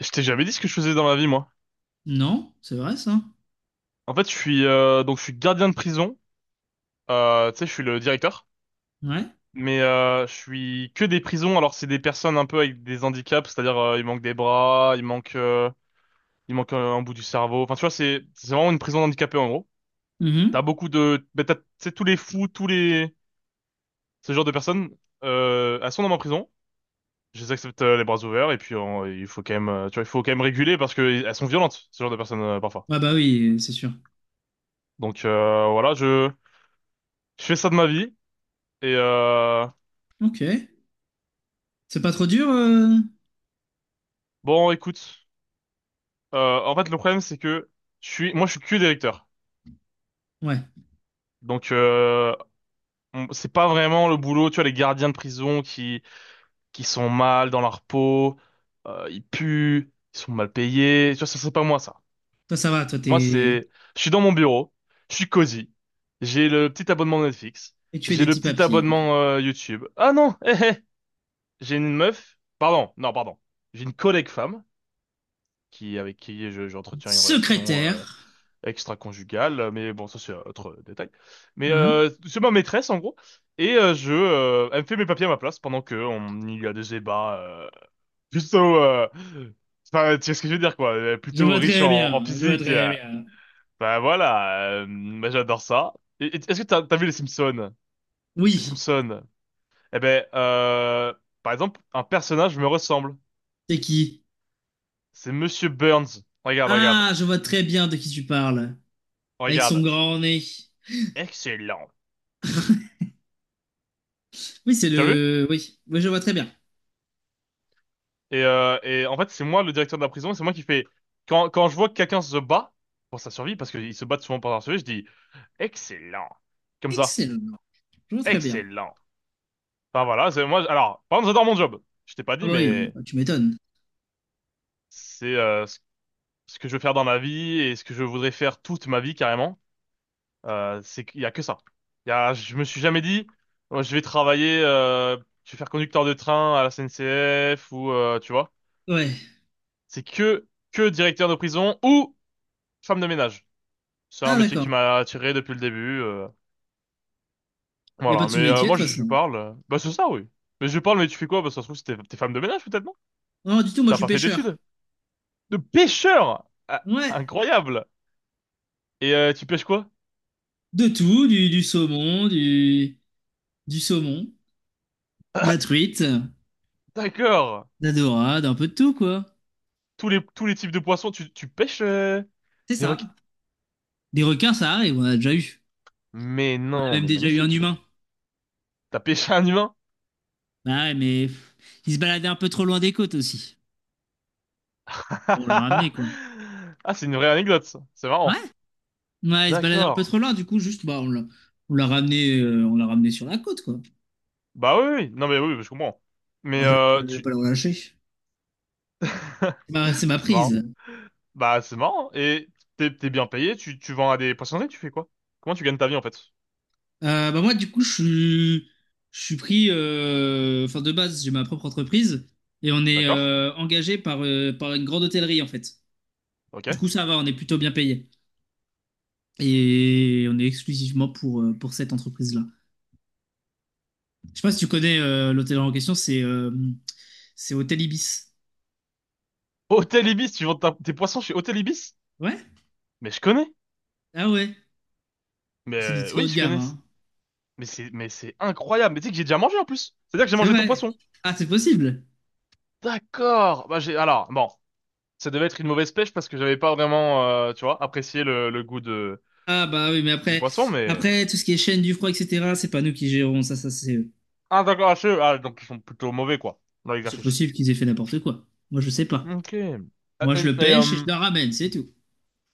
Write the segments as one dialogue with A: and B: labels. A: Je t'ai jamais dit ce que je faisais dans la vie, moi.
B: Non, c'est vrai ça.
A: En fait, je suis donc je suis gardien de prison. Tu sais, je suis le directeur,
B: Ouais.
A: mais je suis que des prisons. Alors c'est des personnes un peu avec des handicaps, c'est-à-dire il manque des bras, il manque un bout du cerveau. Enfin, tu vois, c'est vraiment une prison d'handicapés en gros. T'as
B: Mhm.
A: beaucoup de, ben, t'as, tu sais, tous les fous, tous les ce genre de personnes, elles sont dans ma prison. Je les accepte les bras ouverts et puis il faut quand même, tu vois, il faut quand même réguler parce que elles sont violentes, ce genre de personnes parfois.
B: Ah bah oui, c'est sûr.
A: Donc voilà, je fais ça de ma vie. Et
B: Ok. C'est pas trop dur
A: bon, écoute, en fait, le problème c'est que je suis que directeur.
B: Ouais.
A: Donc, c'est pas vraiment le boulot. Tu vois, les gardiens de prison qui sont mal dans leur peau, ils puent, ils sont mal payés. Tu vois, ça c'est pas moi ça.
B: Toi ça va, toi
A: Moi,
B: t'es...
A: c'est, je suis dans mon bureau, je suis cosy, j'ai le petit abonnement Netflix,
B: Et tu fais
A: j'ai
B: des
A: le
B: petits
A: petit
B: papiers, quoi.
A: abonnement YouTube. Ah non, hé, hé, j'ai une meuf. Pardon, non, pardon. J'ai une collègue femme qui avec qui j'entretiens une relation
B: Secrétaire.
A: extra-conjugale, mais bon, ça c'est autre détail. Mais
B: Hein.
A: c'est ma maîtresse en gros, et elle me fait mes papiers à ma place pendant que on il y a des débats plutôt, enfin tu sais ce que je veux dire quoi,
B: Je
A: plutôt
B: vois
A: riche
B: très
A: en, en
B: bien, je vois
A: physique.
B: très bien.
A: Bah voilà, bah, j'adore ça. Est-ce que t'as vu les Simpsons? Les
B: Oui,
A: Simpsons. Eh ben, par exemple, un personnage me ressemble.
B: c'est qui?
A: C'est Monsieur Burns. Regarde, regarde,
B: Ah, je vois très bien de qui tu parles. Avec son
A: regarde.
B: grand nez.
A: Excellent.
B: Oui, c'est
A: Tu as vu?
B: le... Oui, oui, je vois très bien.
A: Et en fait, c'est moi le directeur de la prison, et c'est moi qui fais. Quand, quand je vois que quelqu'un se bat pour sa survie, parce qu'ils se battent souvent pour leur survie, je dis excellent. Comme ça.
B: Excellent. Je vois très bien.
A: Excellent. Enfin voilà, c'est moi. Alors, par contre, j'adore mon job. Je t'ai pas
B: Ah
A: dit,
B: bah oui,
A: mais
B: bah, tu m'étonnes.
A: c'est ce que je veux faire dans ma vie et ce que je voudrais faire toute ma vie carrément. C'est qu'il y a que ça. Il y a, je me suis jamais dit, oh, je vais travailler, je vais faire conducteur de train à la SNCF ou tu vois.
B: Ouais.
A: C'est que directeur de prison ou femme de ménage. C'est un
B: Ah
A: métier qui
B: d'accord.
A: m'a attiré depuis le début.
B: Il n'y a pas
A: Voilà,
B: de
A: mais
B: sous-métier de
A: moi
B: toute
A: je
B: façon.
A: parle. Bah c'est ça, oui. Mais je parle, mais tu fais quoi? Bah ça se trouve, t'es femme de ménage peut-être, non?
B: Non, du tout, moi je
A: T'as
B: suis
A: pas fait
B: pêcheur.
A: d'études? De pêcheur! Ah,
B: Ouais.
A: incroyable! Et tu pêches quoi?
B: De tout, du saumon, du saumon, de la truite, de
A: D'accord!
B: la dorade, un peu de tout, quoi.
A: Tous les types de poissons, tu pêches
B: C'est
A: des
B: ça.
A: requins?
B: Des requins, ça arrive, on a déjà eu.
A: Mais
B: On a
A: non,
B: même
A: mais
B: déjà eu un
A: magnifique!
B: humain.
A: T'as pêché un humain?
B: Bah ouais, mais pff, il se baladait un peu trop loin des côtes aussi. On l'a ramené, quoi.
A: Ah, c'est une vraie anecdote, ça. C'est
B: Ouais,
A: marrant.
B: ouais, il se baladait un peu
A: D'accord.
B: trop loin, du coup, juste, bah, on l'a ramené, on l'a ramené sur la côte, quoi.
A: Bah oui, oui, oui. Non mais oui, oui, je comprends. Mais
B: Moi, je vais pas, je vais
A: tu...
B: pas le relâcher. C'est ma, c'est ma
A: C'est marrant.
B: prise.
A: Bah, c'est marrant. Et t'es, t'es bien payé, tu vends à des poissonneries, tu fais quoi? Comment tu gagnes ta vie, en fait?
B: Bah moi, du coup, je suis pris, enfin de base, j'ai ma propre entreprise et on est
A: D'accord.
B: engagé par, par une grande hôtellerie en fait.
A: Ok.
B: Du coup, ça va, on est plutôt bien payé et on est exclusivement pour cette entreprise-là. Je sais pas si tu connais l'hôtellerie en question, c'est Hôtel Ibis.
A: Hôtel Ibis, tes poissons chez Hôtel Ibis?
B: Ouais?
A: Mais je connais.
B: Ah ouais,
A: Mais
B: c'est du très
A: oui,
B: haut de
A: je
B: gamme,
A: connais.
B: hein.
A: Mais c'est incroyable. Mais tu sais que j'ai déjà mangé, en plus. C'est-à-dire que j'ai
B: C'est
A: mangé ton
B: vrai.
A: poisson.
B: Ah, c'est possible.
A: D'accord. Bah, j'ai, alors, bon. Ça devait être une mauvaise pêche parce que j'avais pas vraiment, tu vois, apprécié le goût de,
B: Ah bah oui, mais
A: du
B: après,
A: poisson, mais.
B: après tout ce qui est chaîne du froid, et cetera, c'est pas nous qui gérons ça, ça
A: Ah, d'accord, ah, ah, donc ils sont plutôt mauvais, quoi, dans
B: c'est
A: l'exercice.
B: possible qu'ils aient fait n'importe quoi. Moi, je sais pas.
A: Ok.
B: Moi, je
A: Euh,
B: le
A: Et,
B: pêche et je
A: euh,
B: le ramène, c'est tout.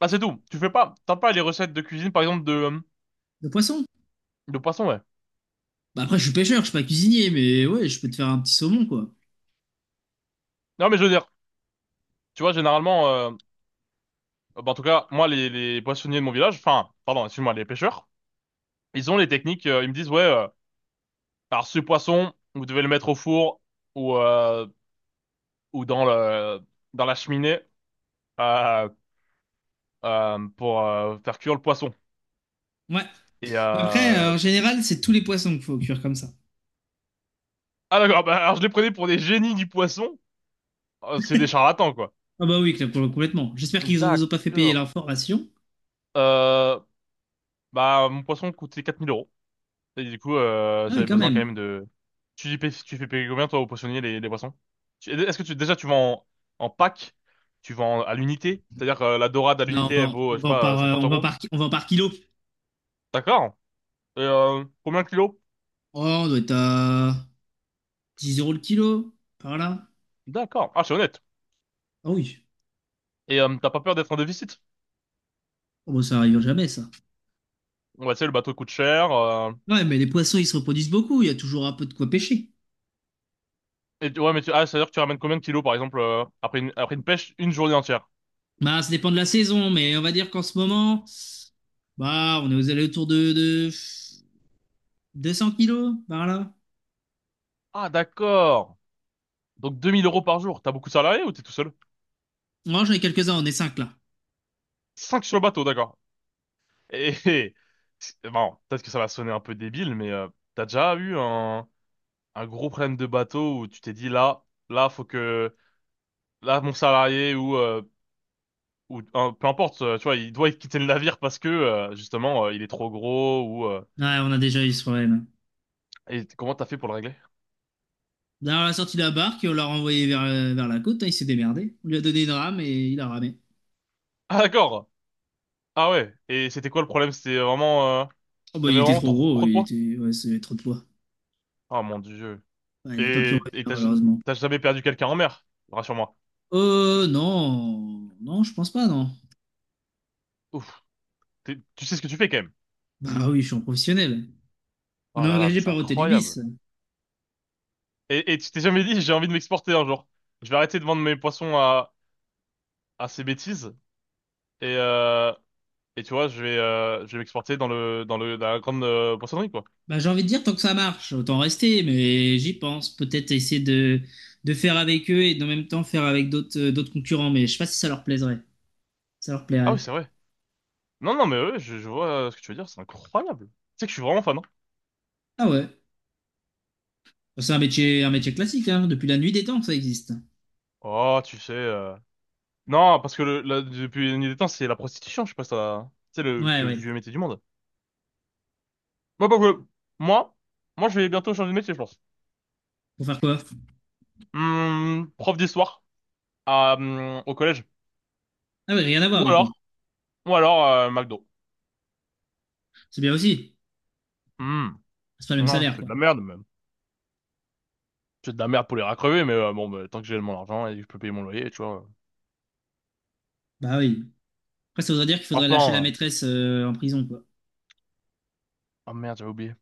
A: Ah c'est tout. Tu fais pas, t'as pas les recettes de cuisine par exemple
B: Le poisson.
A: de poisson ouais.
B: Bah, après, je suis pêcheur, je suis pas cuisinier, mais ouais, je peux te faire un petit saumon, quoi.
A: Non mais je veux dire, tu vois généralement, bah, en tout cas moi les poissonniers de mon village, enfin pardon excuse-moi les pêcheurs, ils ont les techniques. Ils me disent ouais, alors ce poisson vous devez le mettre au four ou euh, ou dans la cheminée euh, pour faire cuire le poisson.
B: Ouais.
A: Et
B: Après, en général, c'est tous les poissons qu'il faut cuire comme ça.
A: ah d'accord, bah, alors je les prenais pour des génies du poisson. C'est des charlatans quoi.
B: Ah bah oui, cl- complètement. J'espère qu'ils vous ont pas fait payer
A: D'accord.
B: l'information.
A: Euh, Bah mon poisson coûtait 4000 euros. Et du coup,
B: Ah oui,
A: j'avais
B: quand
A: besoin quand
B: même.
A: même de... Tu fais payer combien, toi, au poissonnier, les poissons? Est-ce que tu, déjà, tu vends en, en pack? Tu vends à l'unité? C'est-à-dire que la dorade à
B: Là, on
A: l'unité, elle
B: vend,
A: vaut, je
B: on
A: sais
B: vend
A: pas,
B: par,
A: 50
B: on vend
A: euros?
B: par, ki- on vend par kilo.
A: D'accord. Et combien de kilos?
B: Oh, on doit être à 10 euros le kilo, par là.
A: D'accord. Ah, c'est honnête.
B: Ah oui.
A: Et t'as pas peur d'être en déficit?
B: Oh, bah, ça arrive jamais, ça.
A: Ouais, tu sais, le bateau coûte cher.
B: Ouais, mais les poissons, ils se reproduisent beaucoup. Il y a toujours un peu de quoi pêcher.
A: Et, ouais, mais tu... Ah, c'est-à-dire que tu ramènes combien de kilos, par exemple, après une pêche, une journée entière?
B: Bah, ça dépend de la saison, mais on va dire qu'en ce moment, bah, on est aux alentours de 200 kilos par là.
A: Ah, d'accord. Donc 2 000 € par jour. T'as beaucoup de salariés ou t'es tout seul?
B: Moi, j'en ai quelques-uns, on est 5 là.
A: Cinq sur le bateau, d'accord. Et bon, peut-être que ça va sonner un peu débile, mais t'as déjà eu un gros problème de bateau où tu t'es dit là, là, faut que là mon salarié ou peu importe, tu vois, il doit quitter le navire parce que justement il est trop gros ou
B: Ouais, on a déjà eu ce problème.
A: et comment t'as fait pour le régler?
B: D'ailleurs, on a sorti la barque et on l'a renvoyé vers, vers la côte, hein, il s'est démerdé. On lui a donné une rame et il a ramé.
A: Ah d'accord. Ah ouais. Et c'était quoi le problème? C'était vraiment
B: Oh
A: il
B: bah,
A: y avait
B: il était
A: vraiment
B: trop
A: trop,
B: gros,
A: trop de
B: il
A: poids.
B: était... ouais, c'était trop de poids.
A: Oh mon Dieu.
B: Ouais, il n'a pas pu
A: Et
B: revenir
A: et
B: malheureusement.
A: t'as jamais perdu quelqu'un en mer? Rassure-moi.
B: Non, non, je pense pas, non.
A: Ouf. Tu sais ce que tu fais quand même.
B: Bah oui, je suis en professionnel. On
A: Oh
B: est
A: là là, mais
B: engagé
A: c'est
B: par Hôtel
A: incroyable.
B: Ibis.
A: Et tu t'es jamais dit, j'ai envie de m'exporter un jour. Je vais arrêter de vendre mes poissons à ces bêtises. Et, euh, et tu vois, je vais m'exporter dans la grande poissonnerie, quoi.
B: Bah, j'ai envie de dire, tant que ça marche, autant rester, mais j'y pense. Peut-être essayer de faire avec eux et en même temps faire avec d'autres d'autres concurrents, mais je sais pas si ça leur plaiserait. Ça leur
A: Ah oui,
B: plairait.
A: c'est vrai. Non, non, mais ouais, je vois ce que tu veux dire, c'est incroyable. Tu sais que je suis vraiment fan, hein.
B: Ah ouais. Bon, c'est un métier classique, hein. Depuis la nuit des temps que ça existe.
A: Oh, tu sais. Non, parce que depuis la nuit des temps, c'est la prostitution, je sais pas si t'as- C'est le
B: Ouais,
A: plus
B: ouais.
A: vieux métier du monde. Moi, pas que- Moi, moi, je vais bientôt changer de métier, je pense.
B: Pour faire quoi?
A: Prof d'histoire à, au collège.
B: Ah ouais, rien à voir
A: Ou
B: du coup.
A: alors, ou alors McDo.
B: C'est bien aussi.
A: Hmm.
B: C'est pas le même
A: Non,
B: salaire,
A: c'est de
B: quoi.
A: la merde, même. C'est de la merde pour les racrever, mais bon, bah, tant que j'ai mon argent et que je peux payer mon loyer, tu vois.
B: Bah oui. Après, ça voudrait dire qu'il faudrait lâcher la
A: Franchement,
B: maîtresse en prison, quoi.
A: oh merde, j'avais oublié.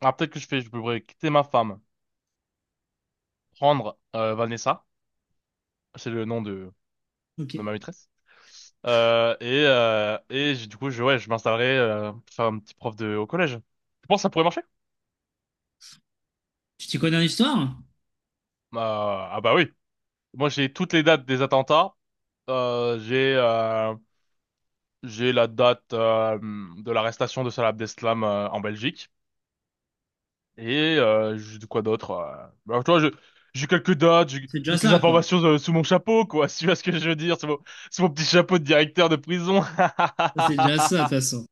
A: Ah, peut-être que je fais, je pourrais quitter ma femme, prendre Vanessa, c'est le nom
B: Ok.
A: de ma maîtresse, et du coup, je, ouais, je m'installerai pour faire un petit prof de, au collège. Tu penses que ça pourrait marcher?
B: Tu t'y connais en histoire?
A: Ah bah oui. Moi, j'ai toutes les dates des attentats. J'ai j'ai la date de l'arrestation de Salah Abdeslam en Belgique. Et de quoi d'autre? Bah, alors, tu vois, j'ai quelques dates, j'ai
B: C'est déjà
A: quelques
B: ça, quoi.
A: informations sous mon chapeau, quoi. Si tu vois ce que je veux dire, sous mon petit chapeau de directeur de prison.
B: Ça, c'est déjà ça, de toute façon.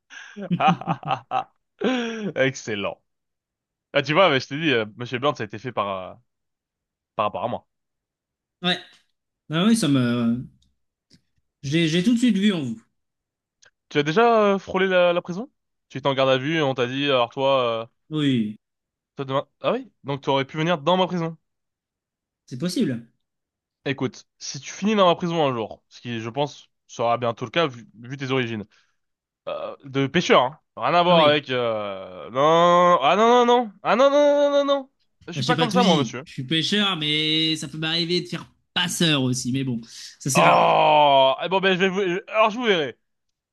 A: Excellent. Ah, tu vois, mais je t'ai dit, Monsieur Burns, ça a été fait par, par rapport à moi.
B: Ouais. Ah oui, ça me. J'ai tout de suite vu en vous.
A: Tu as déjà frôlé la, la prison? Tu étais en garde à vue et on t'a dit, alors toi,
B: Oui,
A: toi demain... Ah oui? Donc tu aurais pu venir dans ma prison.
B: c'est possible.
A: Écoute, si tu finis dans ma prison un jour, ce qui, je pense, sera bientôt le cas vu tes origines, de pêcheur, hein. Rien à
B: Ah
A: voir
B: oui,
A: avec... Non, ah non, non, non. Ah non, non, non, non, non. Non. Je
B: bah,
A: suis
B: je t'ai
A: pas
B: pas
A: comme
B: tout
A: ça, moi,
B: dit.
A: monsieur.
B: Je suis pêcheur, mais ça peut m'arriver de faire passeur aussi. Mais bon, ça c'est rare.
A: Oh! Eh bon, ben, je vais vous... Alors, je vous verrai.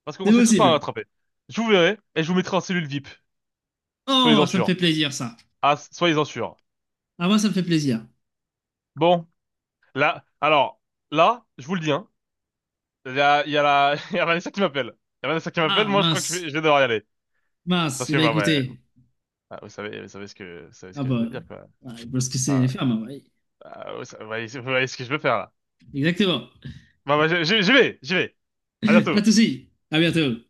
A: Parce qu'on
B: C'est
A: se fait tout le temps
B: possible.
A: attraper. Je vous verrai et je vous mettrai en cellule VIP.
B: Oh,
A: Soyez-en
B: ça me
A: sûrs.
B: fait plaisir ça.
A: Ah, soyez-en sûrs.
B: Ah moi ça me fait plaisir.
A: Bon, là... Alors, là, je vous le dis, hein. Il y a la... Il y a Vanessa qui m'appelle. Il y a Vanessa qui m'appelle,
B: Ah
A: moi, je crois que
B: mince,
A: je vais devoir y aller.
B: mince.
A: Parce
B: Eh
A: que,
B: ben
A: bah, ouais...
B: écoutez,
A: ah, vous savez, vous savez ce
B: ah
A: que je veux
B: bah,
A: dire, quoi.
B: ouais, parce que c'est les
A: Enfin,
B: femmes. Ouais.
A: ah, vous voyez ce que je veux faire, là.
B: Exactement.
A: Bah, bah, j'y vais, j'y vais. À
B: Pas de
A: bientôt.
B: souci. À bientôt.